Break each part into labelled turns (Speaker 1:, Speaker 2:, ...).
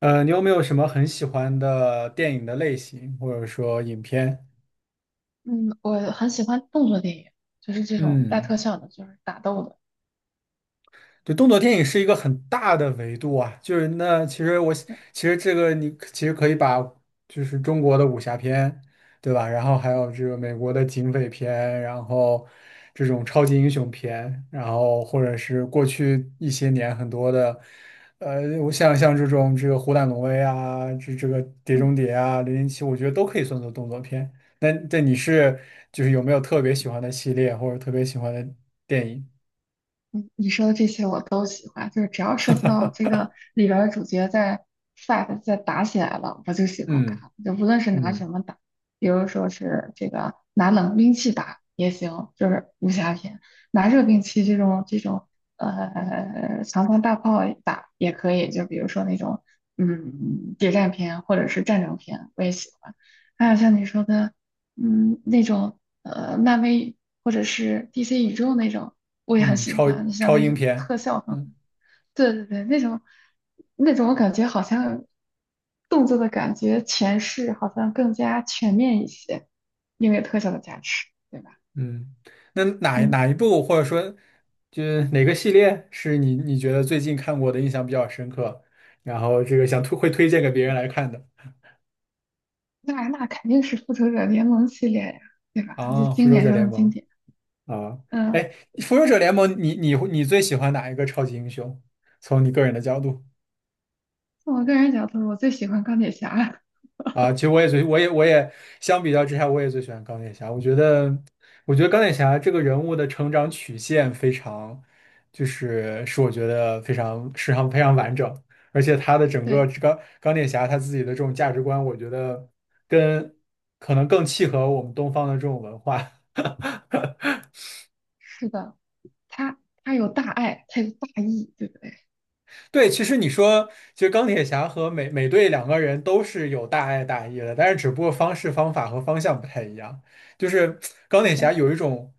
Speaker 1: 你有没有什么很喜欢的电影的类型，或者说影片？
Speaker 2: 嗯，我很喜欢动作电影，就是这种带
Speaker 1: 嗯。
Speaker 2: 特效的，就是打斗的。
Speaker 1: 对，动作电影是一个很大的维度啊，就是那其实我其实这个你其实可以把就是中国的武侠片，对吧？然后还有这个美国的警匪片，然后这种超级英雄片，然后或者是过去一些年很多的，像这种这个《虎胆龙威》啊，这个《碟
Speaker 2: 嗯，
Speaker 1: 中谍》啊，《零零七》，我觉得都可以算作动作片。那你是就是有没有特别喜欢的系列或者特别喜欢的电影？
Speaker 2: 你说的这些我都喜欢，就是只要涉及到这个里边儿的主角在 fight 在打起来了，我就喜欢
Speaker 1: 嗯
Speaker 2: 看。就无论是拿
Speaker 1: 嗯。
Speaker 2: 什么打，比如说是这个拿冷兵器打也行，就是武侠片；拿热兵器这种长枪大炮打也可以，就比如说那种嗯谍战片或者是战争片，我也喜欢。还有像你说的。嗯，那种漫威或者是 DC 宇宙那种，我也很
Speaker 1: 嗯，
Speaker 2: 喜
Speaker 1: 超
Speaker 2: 欢。像
Speaker 1: 超
Speaker 2: 那
Speaker 1: 英
Speaker 2: 种
Speaker 1: 片，
Speaker 2: 特效很好，
Speaker 1: 嗯
Speaker 2: 对对对，那种我感觉好像动作的感觉诠释好像更加全面一些，因为特效的加持，对吧？
Speaker 1: 嗯，那哪
Speaker 2: 嗯
Speaker 1: 哪一部或者说就是哪个系列是你觉得最近看过的印象比较深刻，然后这个想推荐给别人
Speaker 2: 嗯，
Speaker 1: 来看的？
Speaker 2: 那那肯定是复仇者联盟系列呀，对吧？就
Speaker 1: 啊，《复
Speaker 2: 经
Speaker 1: 仇
Speaker 2: 典
Speaker 1: 者
Speaker 2: 中
Speaker 1: 联
Speaker 2: 的经
Speaker 1: 盟》
Speaker 2: 典。
Speaker 1: 啊，哎，
Speaker 2: 嗯，
Speaker 1: 《复仇者联盟》你最喜欢哪一个超级英雄？从你个人的角度。
Speaker 2: 从我个人角度，我最喜欢钢铁侠。
Speaker 1: 啊，其实我也最，我也我也相比较之下，我也最喜欢钢铁侠。我觉得钢铁侠这个人物的成长曲线非常，就是是我觉得非常非常非常完整，而且他的整 个
Speaker 2: 对，
Speaker 1: 这个钢铁侠他自己的这种价值观，我觉得跟可能更契合我们东方的这种文化。
Speaker 2: 是的，他他有大爱，他有大义，对不对？
Speaker 1: 对，其实钢铁侠和美队两个人都是有大爱大义的，但是只不过方式方法和方向不太一样。就是钢铁侠
Speaker 2: 对。
Speaker 1: 有一种，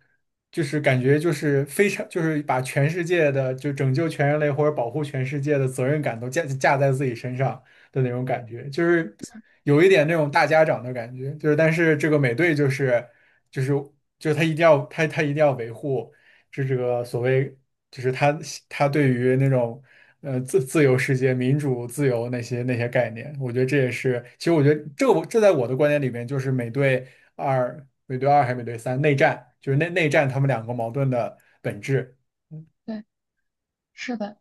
Speaker 1: 就是感觉就是非常就是把全世界的就拯救全人类或者保护全世界的责任感都架在自己身上的那种感觉，就是有一点那种大家长的感觉。但是这个美队就是就是就是他一定要他他一定要维护。是这个所谓就是他对于那种自由世界、民主、自由那些那些概念，我觉得这也是，其实我觉得这我这在我的观点里面，就是美队二还是美队三内战，就是内战他们两个矛盾的本质。
Speaker 2: 对是的，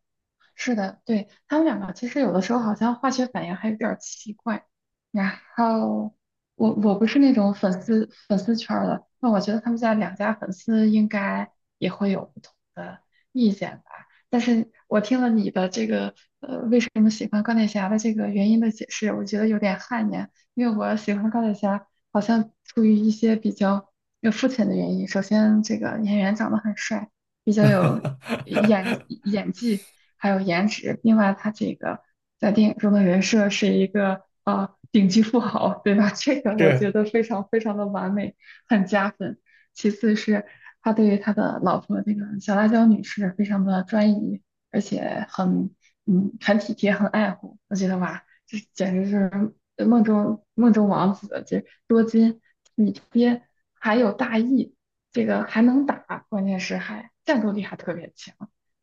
Speaker 2: 是的，对，他们两个其实有的时候好像化学反应还有点儿奇怪。然后我不是那种粉丝圈儿的，那我觉得他们家两家粉丝应该也会有不同的意见吧。但是我听了你的这个为什么喜欢钢铁侠的这个原因的解释，我觉得有点汗颜，因为我喜欢钢铁侠好像出于一些比较有肤浅的原因。首先，这个演员长得很帅，比较有演 演技。还有颜值。另外，他这个在电影中的人设是一个顶级富豪，对吧？这个
Speaker 1: 是
Speaker 2: 我觉得非常非常的完美，很加分。其次是他对于他的老婆那个小辣椒女士非常的专一，而且很体贴，很爱护。我觉得哇，这简直是梦中王子，这多金体贴，还有大义。这个还能打，关键是还战斗力还特别强。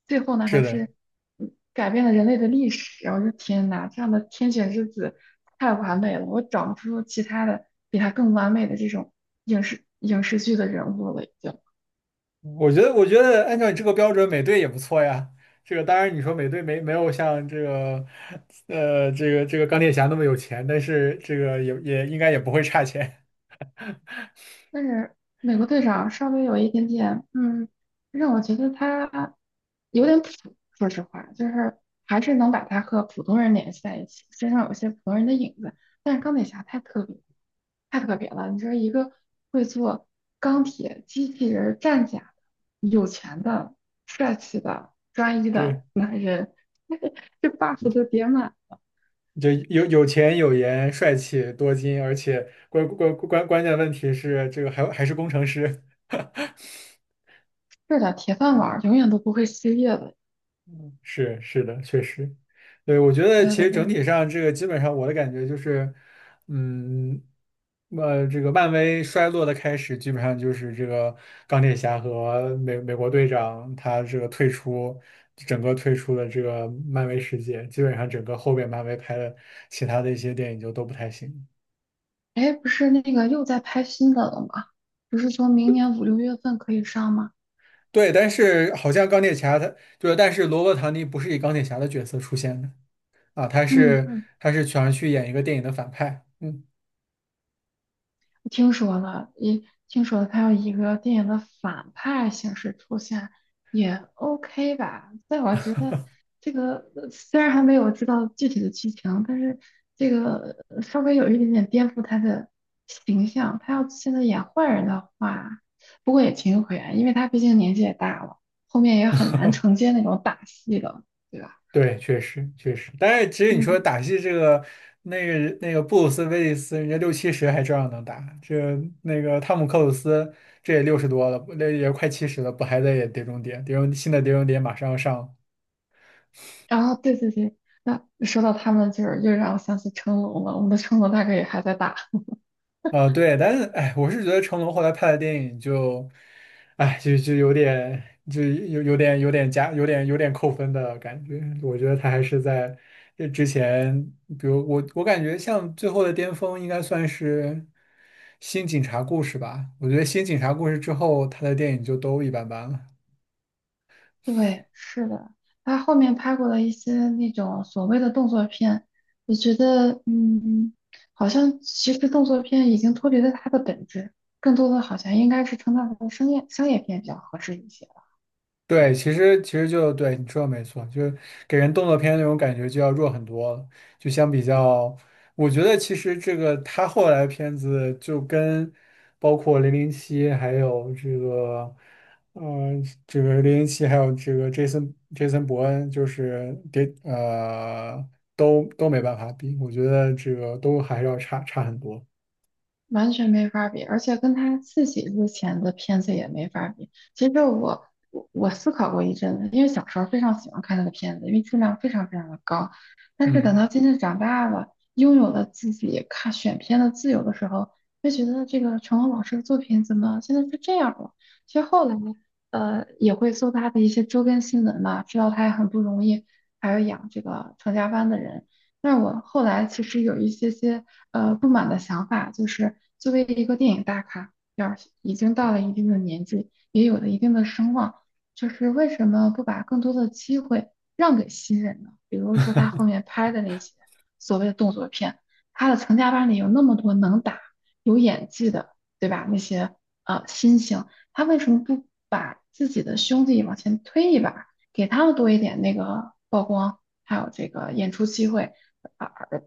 Speaker 2: 最后呢，
Speaker 1: 是
Speaker 2: 还
Speaker 1: 的。
Speaker 2: 是改变了人类的历史。我说天哪，这样的天选之子太完美了，我找不出其他的比他更完美的这种影视剧的人物了，已经。
Speaker 1: 我觉得我觉得按照你这个标准，美队也不错呀。这个当然，你说美队没有像这个，这个钢铁侠那么有钱，但是这个也应该也不会差钱，
Speaker 2: 但是美国队长稍微有一点点，嗯，让我觉得他有点普，说实话，就是还是能把他和普通人联系在一起，身上有些普通人的影子。但是钢铁侠太特别，太特别了。你说一个会做钢铁机器人儿战甲的有钱的、帅气的、专一
Speaker 1: 是。
Speaker 2: 的男人，这 buff 就叠满，
Speaker 1: 就有有钱有颜帅气多金，而且关键问题是这个还是工程师。
Speaker 2: 这点铁饭碗儿永远都不会失业的。
Speaker 1: 是是的，确实。对，我觉得
Speaker 2: 对
Speaker 1: 其
Speaker 2: 对
Speaker 1: 实整
Speaker 2: 对
Speaker 1: 体上这个基本上我的感觉就是，嗯，这个漫威衰落的开始基本上就是这个钢铁侠和美国队长他这个退出，整个退出了这个漫威世界，基本上整个后边漫威拍的其他的一些电影就都不太行。
Speaker 2: 哎，不是那个又在拍新的了吗？不是说明年五六月份可以上吗？
Speaker 1: 对，但是好像钢铁侠他就是，但是罗伯·唐尼不是以钢铁侠的角色出现的啊，他
Speaker 2: 嗯
Speaker 1: 是
Speaker 2: 嗯，
Speaker 1: 他是全去演一个电影的反派。嗯，
Speaker 2: 我听说了，也听说了，他要以一个电影的反派形式出现，也 OK 吧？但我觉得这个虽然还没有知道具体的剧情，但是这个稍微有一点点颠覆他的形象。他要现在演坏人的话，不过也情有可原，因为他毕竟年纪也大了，后面也很难承接那种打戏的，对吧？
Speaker 1: 对，确实。但是其实你说
Speaker 2: 嗯。
Speaker 1: 打戏这个，那个布鲁斯·威利斯，人家六七十还照样能打，这那个汤姆·克鲁斯这也六十多了，那也快七十了，不还在演《碟中谍》？《碟中谍》马上要上。
Speaker 2: 然后对对对，那说到他们，就是又让我想起成龙了。我们的成龙大哥也还在打。
Speaker 1: 对，但是哎，我是觉得成龙后来拍的电影就，有点，有点有点加，有点扣分的感觉。我觉得他还是在这之前，比如我感觉像最后的巅峰应该算是《新警察故事》吧。我觉得《新警察故事》之后，他的电影就都一般般了。
Speaker 2: 对，是的，他后面拍过的一些那种所谓的动作片，我觉得，嗯，好像其实动作片已经脱离了它的本质，更多的好像应该是称它为商业片比较合适一些。
Speaker 1: 对，其实对你说的没错，就是给人动作片那种感觉就要弱很多了。就相比较，我觉得其实这个他后来的片子就跟包括《零零七》还有这个，《零零七》还有这个 Jason 伯恩，就是给呃都没办法比，我觉得这个都还是要差很多。
Speaker 2: 完全没法比，而且跟他自己之前的片子也没法比。其实我思考过一阵子，因为小时候非常喜欢看他的片子，因为质量非常非常的高。但是等
Speaker 1: 嗯。
Speaker 2: 到渐渐长大了，拥有了自己看选片的自由的时候，就觉得这个成龙老师的作品怎么现在是这样了？其实后来也会搜他的一些周边新闻嘛，知道他也很不容易，还要养这个成家班的人。但是我后来其实有一些不满的想法，就是作为一个电影大咖，要是已经到了一定的年纪，也有了一定的声望，就是为什么不把更多的机会让给新人呢？比如说他后面拍的那些所谓的动作片，他的成家班里有那么多能打、有演技的，对吧？那些新星，他为什么不把自己的兄弟往前推一把，给他们多一点那个曝光，还有这个演出机会？啊，而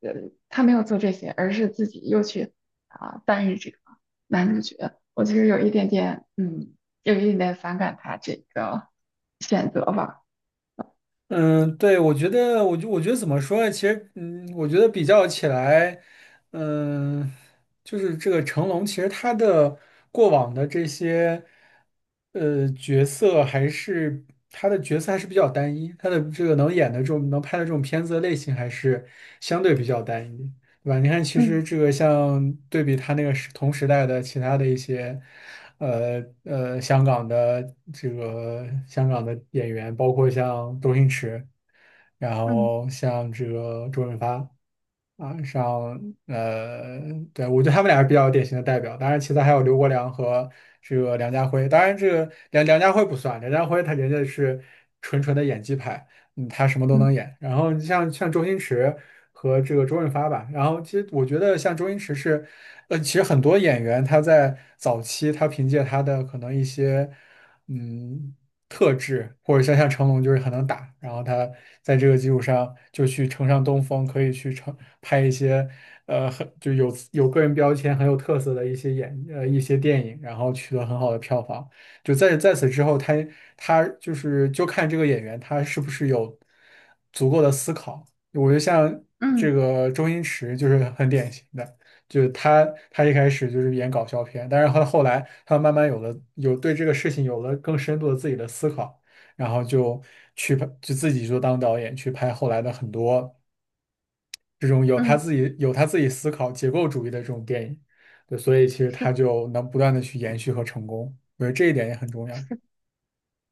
Speaker 2: 他没有做这些，而是自己又去扮演这个男主角。我其实有一点点，嗯，有一点点反感他这个选择吧。
Speaker 1: 嗯，对，我觉得怎么说呢？其实，嗯，我觉得比较起来，嗯，就是这个成龙，其实他的过往的这些，呃，角色还是他的角色还是比较单一，他的这个能演的这种能拍的这种片子的类型还是相对比较单一。对吧？你看，其实
Speaker 2: 嗯
Speaker 1: 这个像对比他那个同时代的其他的一些，呃呃，香港的这个香港的演员，包括像周星驰，然
Speaker 2: 嗯
Speaker 1: 后像这个周润发。啊，上呃，对，我觉得他们俩是比较典型的代表。当然，其他还有刘国梁和这个梁家辉。当然，这个梁家辉不算，梁家辉他人家是纯纯的演技派，嗯，他什么都能
Speaker 2: 嗯
Speaker 1: 演。然后你像周星驰和这个周润发吧，然后其实我觉得像周星驰是，呃，其实很多演员他在早期他凭借他的可能一些，嗯，特质，或者像成龙就是很能打，然后他在这个基础上就去乘上东风，可以去拍一些呃很就有个人标签很有特色的一些电影，然后取得很好的票房。就在在此之后，他他就是就看这个演员他是不是有足够的思考。我觉得像这
Speaker 2: 嗯
Speaker 1: 个周星驰就是很典型的。就是他，他一开始就是演搞笑片，但是他后来他慢慢有了有对这个事情有了更深度的自己的思考，然后就去拍，就自己就当导演去拍后来的很多这种有他
Speaker 2: 嗯，
Speaker 1: 自己有他自己思考结构主义的这种电影。对，所以其实
Speaker 2: 是
Speaker 1: 他
Speaker 2: 的，
Speaker 1: 就能不断的去延续和成功，我觉得这一点也很重要。
Speaker 2: 是的。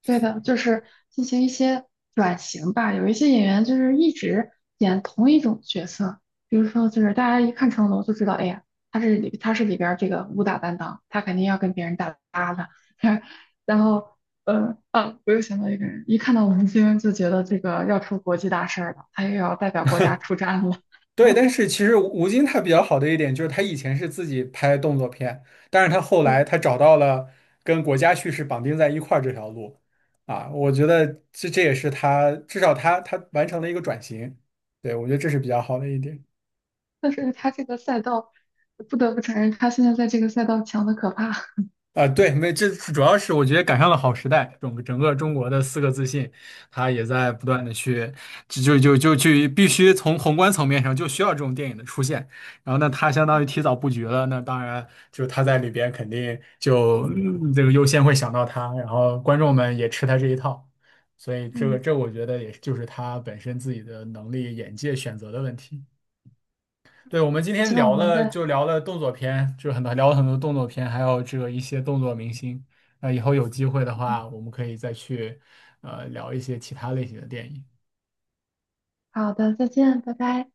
Speaker 2: 对的，就是进行一些转型吧。有一些演员就是一直演同一种角色，比如说就是大家一看成龙就知道，哎呀，他是里边儿这个武打担当，他肯定要跟别人打搭的。然后，我又想到一个人，一看到吴京就觉得这个要出国际大事儿了，他又要代表国家出战了。
Speaker 1: 对，但 是其实吴京他比较好的一点就是他以前是自己拍动作片，但是他后来
Speaker 2: 嗯，
Speaker 1: 他找到了跟国家叙事绑定在一块儿这条路。啊，我觉得这这也是他至少他完成了一个转型。对，我觉得这是比较好的一点。
Speaker 2: 但是他这个赛道，不得不承认，他现在在这个赛道强的可怕。
Speaker 1: 啊，对，没，这主要是我觉得赶上了好时代，整个中国的四个自信，他也在不断的去，就就就就去必须从宏观层面上就需要这种电影的出现，然后呢，他相当于提早布局了，那当然就他在里边肯定就嗯这个优先会想到他，然后观众们也吃他这一套，所以这个
Speaker 2: 嗯，
Speaker 1: 这我觉得也就是他本身自己的能力眼界选择的问题。对，我们今天
Speaker 2: 希望我
Speaker 1: 聊
Speaker 2: 们
Speaker 1: 了，就
Speaker 2: 在，
Speaker 1: 聊了动作片，就是很多聊了很多动作片，还有这个一些动作明星。那以后有机会的
Speaker 2: 嗯，
Speaker 1: 话，我们可以再去聊一些其他类型的电影。
Speaker 2: 好的，再见，拜拜。